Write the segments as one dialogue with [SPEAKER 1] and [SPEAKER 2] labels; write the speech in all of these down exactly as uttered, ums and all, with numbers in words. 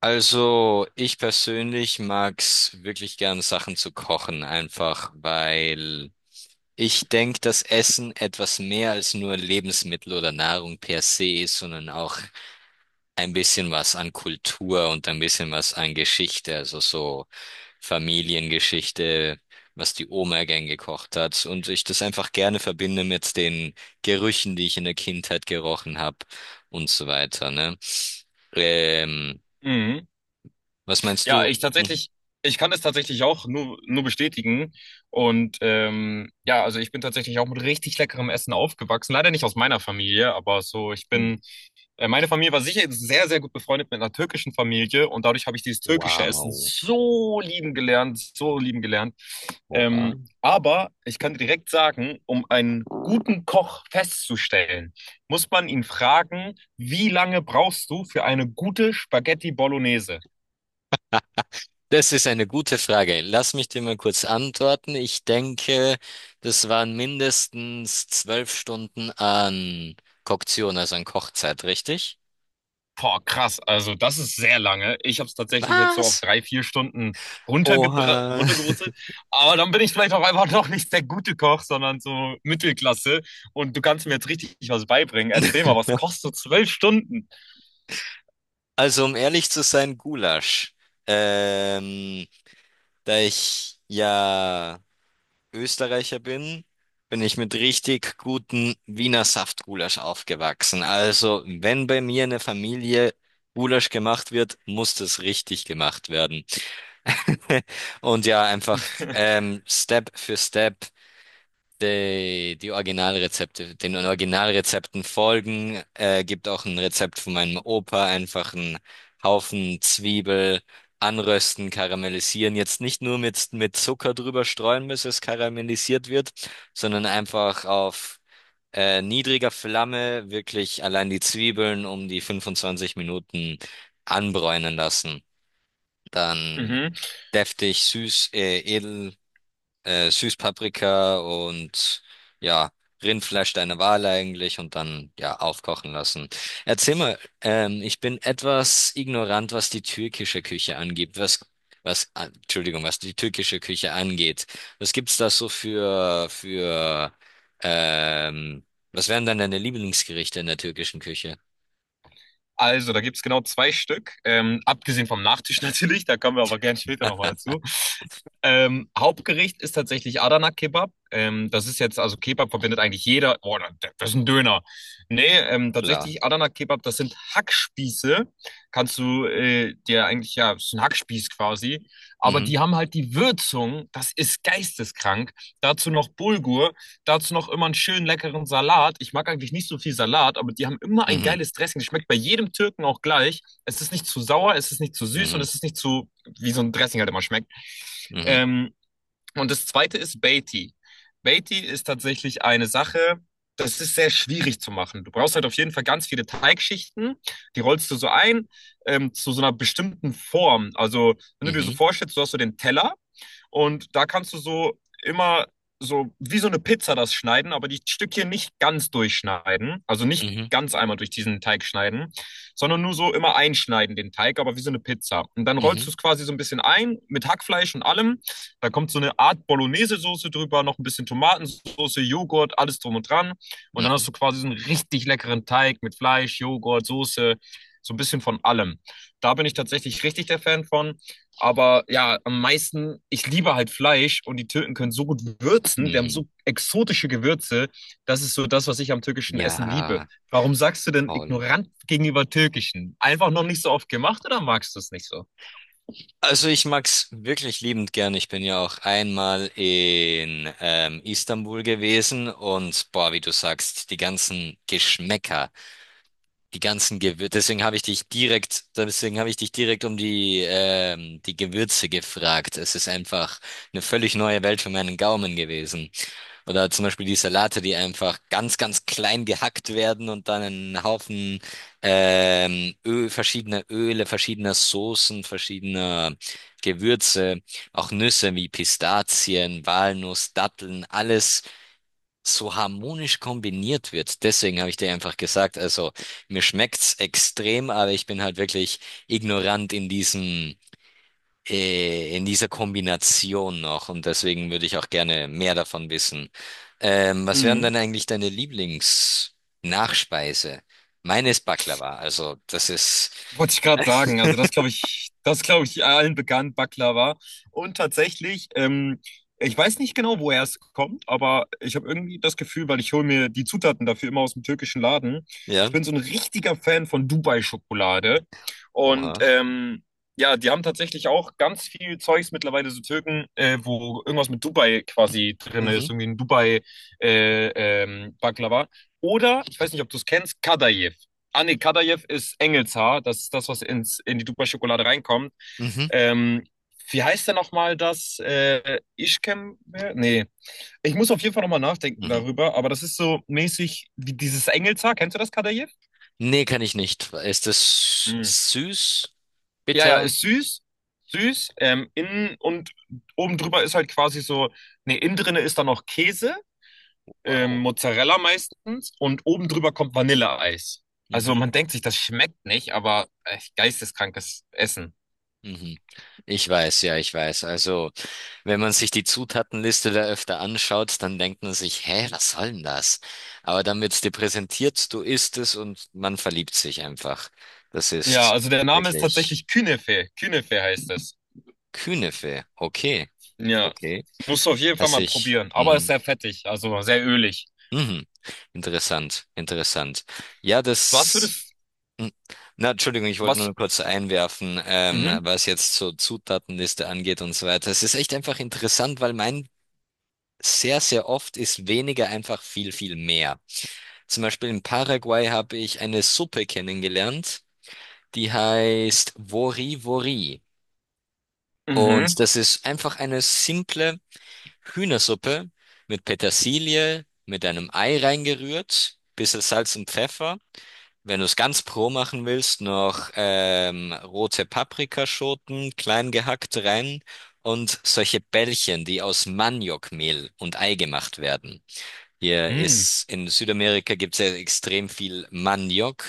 [SPEAKER 1] Also, ich persönlich mag's wirklich gern, Sachen zu kochen, einfach weil ich denke, dass Essen etwas mehr als nur Lebensmittel oder Nahrung per se ist, sondern auch ein bisschen was an Kultur und ein bisschen was an Geschichte, also so Familiengeschichte, was die Oma gern gekocht hat und ich das einfach gerne verbinde mit den Gerüchen, die ich in der Kindheit gerochen habe und so weiter, ne? Ähm,
[SPEAKER 2] Mhm.
[SPEAKER 1] Was meinst
[SPEAKER 2] Ja,
[SPEAKER 1] du?
[SPEAKER 2] ich
[SPEAKER 1] Mhm.
[SPEAKER 2] tatsächlich, ich kann es tatsächlich auch nur, nur bestätigen. Und ähm, ja, also ich bin tatsächlich auch mit richtig leckerem Essen aufgewachsen. Leider nicht aus meiner Familie, aber so, ich
[SPEAKER 1] Hm.
[SPEAKER 2] bin, äh, meine Familie war sicher sehr, sehr gut befreundet mit einer türkischen Familie und dadurch habe ich dieses türkische Essen
[SPEAKER 1] Wow.
[SPEAKER 2] so lieben gelernt, so lieben gelernt.
[SPEAKER 1] Oha.
[SPEAKER 2] Ähm, aber ich kann dir direkt sagen, um einen guten Koch festzustellen, muss man ihn fragen, wie lange brauchst du für eine gute Spaghetti Bolognese?
[SPEAKER 1] Das ist eine gute Frage. Lass mich dir mal kurz antworten. Ich denke, das waren mindestens zwölf Stunden an Koktion, also an Kochzeit, richtig?
[SPEAKER 2] Boah, krass. Also das ist sehr lange. Ich habe es tatsächlich jetzt so auf
[SPEAKER 1] Was?
[SPEAKER 2] drei, vier Stunden runtergebra
[SPEAKER 1] Oha.
[SPEAKER 2] runtergebrutzelt. Aber dann bin ich vielleicht auch einfach noch nicht der gute Koch, sondern so Mittelklasse. Und du kannst mir jetzt richtig was beibringen. Erzähl mal, was kostet zwölf Stunden?
[SPEAKER 1] Also, um ehrlich zu sein, Gulasch. Ähm, Da ich ja Österreicher bin, bin ich mit richtig guten Wiener Saftgulasch aufgewachsen. Also, wenn bei mir in der Familie Gulasch gemacht wird, muss das richtig gemacht werden. Und ja, einfach ähm, Step für Step. Die, die Originalrezepte, den Originalrezepten folgen, äh, gibt auch ein Rezept von meinem Opa, einfach einen Haufen Zwiebel anrösten, karamellisieren. Jetzt nicht nur mit, mit Zucker drüber streuen, bis es karamellisiert wird, sondern einfach auf äh, niedriger Flamme wirklich allein die Zwiebeln um die fünfundzwanzig Minuten anbräunen lassen. Dann
[SPEAKER 2] Mhm.
[SPEAKER 1] deftig, süß, äh, edel äh, Süßpaprika und ja, Rindfleisch deiner Wahl eigentlich und dann ja aufkochen lassen. Erzähl mal, ähm, ich bin etwas ignorant, was die türkische Küche angeht, was was ah, Entschuldigung, was die türkische Küche angeht. Was gibt's da so für für ähm, was wären dann deine Lieblingsgerichte in der türkischen Küche?
[SPEAKER 2] Also, da gibt es genau zwei Stück. Ähm, abgesehen vom Nachtisch natürlich, da kommen wir aber gerne später nochmal zu. Ähm, Hauptgericht ist tatsächlich Adana Kebab. Ähm, das ist jetzt, also Kebab verbindet eigentlich jeder. Oh, das das ist ein Döner. Nee, ähm,
[SPEAKER 1] Klar.
[SPEAKER 2] tatsächlich Adana Kebab, das sind Hackspieße. Kannst du äh, dir eigentlich, ja, ist ein Hackspieß quasi. Aber
[SPEAKER 1] Mhm.
[SPEAKER 2] die haben halt die Würzung, das ist geisteskrank. Dazu noch Bulgur, dazu noch immer einen schönen leckeren Salat. Ich mag eigentlich nicht so viel Salat, aber die haben immer ein
[SPEAKER 1] Mhm.
[SPEAKER 2] geiles Dressing. Das Schmeckt bei jedem Türken auch gleich. Es ist nicht zu sauer, es ist nicht zu süß und
[SPEAKER 1] Mhm.
[SPEAKER 2] es ist nicht zu, wie so ein Dressing halt immer schmeckt.
[SPEAKER 1] Mhm.
[SPEAKER 2] Ähm, und das zweite ist Beatty. Beatty ist tatsächlich eine Sache, das ist sehr schwierig zu machen. Du brauchst halt auf jeden Fall ganz viele Teigschichten, die rollst du so ein ähm, zu so einer bestimmten Form. Also, wenn du dir so
[SPEAKER 1] Mhm.
[SPEAKER 2] vorstellst, du hast so den Teller und da kannst du so immer so wie so eine Pizza das schneiden, aber die Stückchen nicht ganz durchschneiden, also nicht
[SPEAKER 1] Mhm.
[SPEAKER 2] ganz einmal durch diesen Teig schneiden, sondern nur so immer einschneiden den Teig, aber wie so eine Pizza. Und dann rollst
[SPEAKER 1] Mhm.
[SPEAKER 2] du es quasi so ein bisschen ein mit Hackfleisch und allem. Da kommt so eine Art Bolognese-Soße drüber, noch ein bisschen Tomatensauce, Joghurt, alles drum und dran. Und
[SPEAKER 1] Mhm.
[SPEAKER 2] dann hast du
[SPEAKER 1] Mhm.
[SPEAKER 2] quasi so einen richtig leckeren Teig mit Fleisch, Joghurt, Soße, so ein bisschen von allem. Da bin ich tatsächlich richtig der Fan von. Aber ja, am meisten, ich liebe halt Fleisch und die Türken können so gut würzen, die haben
[SPEAKER 1] Mhm.
[SPEAKER 2] so exotische Gewürze. Das ist so das, was ich am türkischen Essen liebe.
[SPEAKER 1] Ja,
[SPEAKER 2] Warum sagst du denn
[SPEAKER 1] voll.
[SPEAKER 2] ignorant gegenüber türkischen? Einfach noch nicht so oft gemacht oder magst du es nicht so?
[SPEAKER 1] Also ich mag's wirklich liebend gern. Ich bin ja auch einmal in ähm, Istanbul gewesen und boah, wie du sagst, die ganzen Geschmäcker, die ganzen Gewürze. Deswegen habe ich dich direkt, deswegen habe ich dich direkt um die ähm, die Gewürze gefragt. Es ist einfach eine völlig neue Welt für meinen Gaumen gewesen. Oder zum Beispiel die Salate, die einfach ganz, ganz klein gehackt werden und dann einen Haufen ähm, Öl, verschiedener Öle, verschiedener Soßen, verschiedener Gewürze, auch Nüsse wie Pistazien, Walnuss, Datteln, alles so harmonisch kombiniert wird. Deswegen habe ich dir einfach gesagt, also mir schmeckt's extrem, aber ich bin halt wirklich ignorant in diesem äh, in dieser Kombination noch. Und deswegen würde ich auch gerne mehr davon wissen. Ähm, was wären denn
[SPEAKER 2] Mhm.
[SPEAKER 1] eigentlich deine Lieblingsnachspeise? Meine ist Baklava. Also das ist,
[SPEAKER 2] Wollte ich gerade sagen. Also das glaube ich, das glaube ich allen bekannt, Baklava. Und tatsächlich, ähm, ich weiß nicht genau, woher es kommt, aber ich habe irgendwie das Gefühl, weil ich hole mir die Zutaten dafür immer aus dem türkischen Laden. Ich
[SPEAKER 1] ja,
[SPEAKER 2] bin so ein richtiger Fan von Dubai-Schokolade. Und
[SPEAKER 1] oha.
[SPEAKER 2] ähm, ja, die haben tatsächlich auch ganz viel Zeugs mittlerweile, so Türken, äh, wo irgendwas mit Dubai quasi drin
[SPEAKER 1] Mhm,
[SPEAKER 2] ist, irgendwie ein Dubai äh, ähm, Baklava. Oder, ich weiß nicht, ob du es kennst, Kadayif. Ah, nee, Kadaev ist Engelshaar. Das ist das, was ins, in die Dupa-Schokolade reinkommt.
[SPEAKER 1] mhm,
[SPEAKER 2] Ähm, wie heißt denn nochmal das? Äh, Ischkem? Nee. Ich muss auf jeden Fall nochmal nachdenken
[SPEAKER 1] mhm.
[SPEAKER 2] darüber, aber das ist so mäßig wie dieses Engelshaar. Kennst du das, Kadaev?
[SPEAKER 1] Nee, kann ich nicht. Ist das
[SPEAKER 2] Mhm.
[SPEAKER 1] süß,
[SPEAKER 2] Ja, ja,
[SPEAKER 1] bitter?
[SPEAKER 2] ist süß. Süß. Ähm, innen und oben drüber ist halt quasi so, nee, innen drinne ist dann noch Käse, ähm,
[SPEAKER 1] Wow.
[SPEAKER 2] Mozzarella meistens, und oben drüber kommt Vanilleeis. Also
[SPEAKER 1] Mhm,
[SPEAKER 2] man denkt sich, das schmeckt nicht, aber echt geisteskrankes Essen.
[SPEAKER 1] mhm. Ich weiß, ja, ich weiß. Also, wenn man sich die Zutatenliste da öfter anschaut, dann denkt man sich, hä, was soll denn das? Aber dann wird's dir präsentiert, du isst es und man verliebt sich einfach. Das
[SPEAKER 2] Ja,
[SPEAKER 1] ist
[SPEAKER 2] also der Name ist tatsächlich
[SPEAKER 1] wirklich
[SPEAKER 2] Künefe. Künefe heißt es.
[SPEAKER 1] Künefe. Okay,
[SPEAKER 2] Ja,
[SPEAKER 1] okay.
[SPEAKER 2] musst du auf jeden Fall mal
[SPEAKER 1] Also ich,
[SPEAKER 2] probieren. Aber ist
[SPEAKER 1] mhm,
[SPEAKER 2] sehr fettig, also sehr ölig.
[SPEAKER 1] mhm. Interessant, interessant. Ja,
[SPEAKER 2] Was
[SPEAKER 1] das,
[SPEAKER 2] würdest,
[SPEAKER 1] mhm. Na, Entschuldigung, ich wollte
[SPEAKER 2] was,
[SPEAKER 1] nur kurz einwerfen, ähm,
[SPEAKER 2] mhm,
[SPEAKER 1] was jetzt so Zutatenliste angeht und so weiter. Es ist echt einfach interessant, weil mein sehr, sehr oft ist weniger einfach viel, viel mehr. Zum Beispiel in Paraguay habe ich eine Suppe kennengelernt, die heißt Wori Wori. Und
[SPEAKER 2] mhm,
[SPEAKER 1] das ist einfach eine simple Hühnersuppe mit Petersilie, mit einem Ei reingerührt, bisschen Salz und Pfeffer. Wenn du es ganz pro machen willst, noch ähm, rote Paprikaschoten klein gehackt rein und solche Bällchen, die aus Maniokmehl und Ei gemacht werden. Hier
[SPEAKER 2] mhm,
[SPEAKER 1] ist in Südamerika gibt es ja extrem viel Maniok.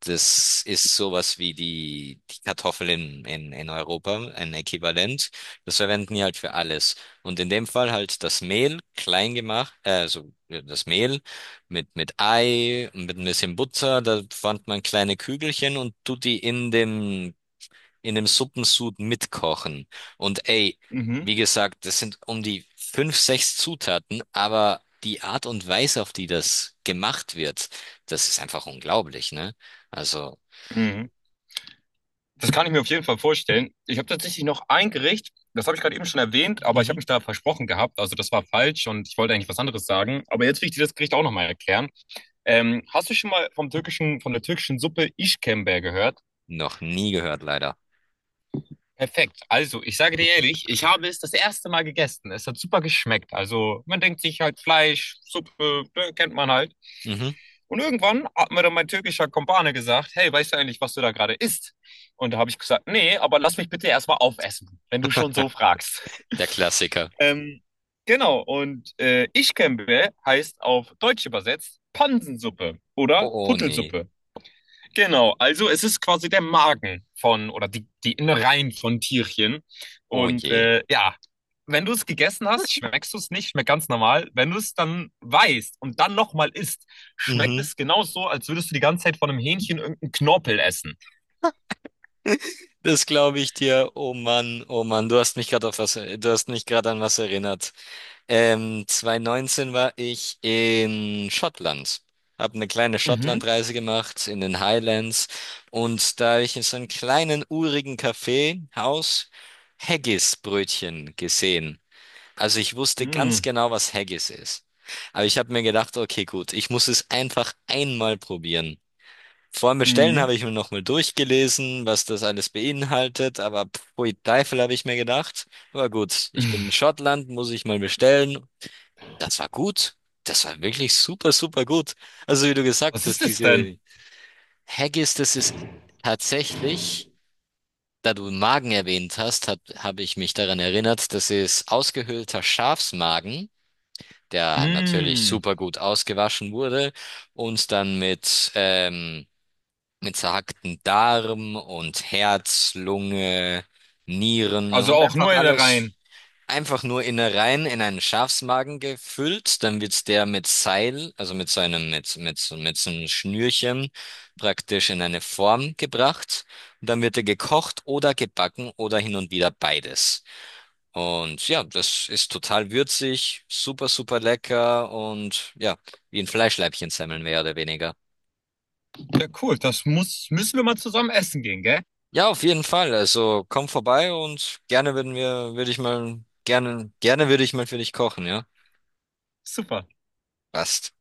[SPEAKER 1] Das ist sowas wie die, die Kartoffel in, in, in Europa, ein Äquivalent. Das verwenden die halt für alles. Und in dem Fall halt das Mehl klein gemacht, äh, also ja, das Mehl mit, mit Ei und mit ein bisschen Butter. Da formt man kleine Kügelchen und tut die in dem in dem Suppensud mitkochen. Und ey,
[SPEAKER 2] mhm,
[SPEAKER 1] wie gesagt, das sind um die fünf, sechs Zutaten, aber die Art und Weise, auf die das gemacht wird, das ist einfach unglaublich, ne? Also,
[SPEAKER 2] mhm. Das kann ich mir auf jeden Fall vorstellen. Ich habe tatsächlich noch ein Gericht, das habe ich gerade eben schon erwähnt, aber ich
[SPEAKER 1] mhm.
[SPEAKER 2] habe mich da versprochen gehabt. Also das war falsch und ich wollte eigentlich was anderes sagen. Aber jetzt will ich dir das Gericht auch nochmal erklären. Ähm, hast du schon mal vom türkischen, von der türkischen Suppe İşkembe gehört?
[SPEAKER 1] Noch nie gehört, leider.
[SPEAKER 2] Perfekt. Also, ich sage dir ehrlich, ich habe es das erste Mal gegessen. Es hat super geschmeckt. Also, man denkt sich halt Fleisch, Suppe, ne, kennt man halt.
[SPEAKER 1] Mhm.
[SPEAKER 2] Und irgendwann hat mir dann mein türkischer Kumpane gesagt, hey, weißt du eigentlich, was du da gerade isst? Und da habe ich gesagt, nee, aber lass mich bitte erstmal aufessen, wenn du schon so fragst.
[SPEAKER 1] Der Klassiker.
[SPEAKER 2] Ähm, genau, und äh, Işkembe heißt auf Deutsch übersetzt Pansensuppe oder
[SPEAKER 1] Oh, oh nee.
[SPEAKER 2] Kuttelsuppe. Genau, also es ist quasi der Magen von oder die, die Innereien von Tierchen.
[SPEAKER 1] Oh
[SPEAKER 2] Und
[SPEAKER 1] je.
[SPEAKER 2] äh, ja, wenn du es gegessen hast, schmeckst du es nicht, schmeckt ganz normal. Wenn du es dann weißt und dann nochmal isst, schmeckt
[SPEAKER 1] Mhm.
[SPEAKER 2] es genauso, als würdest du die ganze Zeit von einem Hähnchen irgendeinen Knorpel essen.
[SPEAKER 1] Das glaube ich dir. Oh Mann, oh Mann, du hast mich gerade auf was, du hast mich gerade an was erinnert. Ähm, zweitausendneunzehn war ich in Schottland. Habe eine kleine
[SPEAKER 2] Mhm.
[SPEAKER 1] Schottlandreise gemacht in den Highlands und da habe ich in so einem kleinen urigen Kaffeehaus Haggis-Brötchen gesehen. Also ich wusste ganz
[SPEAKER 2] Mm.
[SPEAKER 1] genau, was Haggis ist. Aber ich habe mir gedacht, okay, gut, ich muss es einfach einmal probieren. Vor dem Bestellen
[SPEAKER 2] Mm.
[SPEAKER 1] habe ich mir nochmal durchgelesen, was das alles beinhaltet, aber pfui Teufel habe ich mir gedacht. Aber gut, ich bin in Schottland, muss ich mal bestellen, das war gut. Das war wirklich super, super gut. Also wie du gesagt
[SPEAKER 2] Was
[SPEAKER 1] hast,
[SPEAKER 2] ist das denn?
[SPEAKER 1] diese Haggis, das ist tatsächlich, da du Magen erwähnt hast, habe hab- habe ich mich daran erinnert, das ist ausgehöhlter Schafsmagen, der natürlich
[SPEAKER 2] Mm.
[SPEAKER 1] super gut ausgewaschen wurde und dann mit, ähm, mit zerhackten Darm und Herz, Lunge, Nieren
[SPEAKER 2] Also
[SPEAKER 1] und
[SPEAKER 2] auch
[SPEAKER 1] einfach
[SPEAKER 2] nur
[SPEAKER 1] alles
[SPEAKER 2] Innereien.
[SPEAKER 1] einfach nur Innereien in einen Schafsmagen gefüllt, dann wird der mit Seil, also mit so einem, mit, mit, so- mit so einem Schnürchen praktisch in eine Form gebracht und dann wird er gekocht oder gebacken oder hin und wieder beides. Und ja, das ist total würzig, super, super lecker und ja, wie ein Fleischleibchen-Semmeln mehr oder weniger.
[SPEAKER 2] Ja, cool, das muss, müssen wir mal zusammen essen gehen, gell?
[SPEAKER 1] Ja, auf jeden Fall. Also komm vorbei und gerne würden wir, würde ich mal, gerne, gerne würde ich mal für dich kochen, ja?
[SPEAKER 2] Super.
[SPEAKER 1] Passt.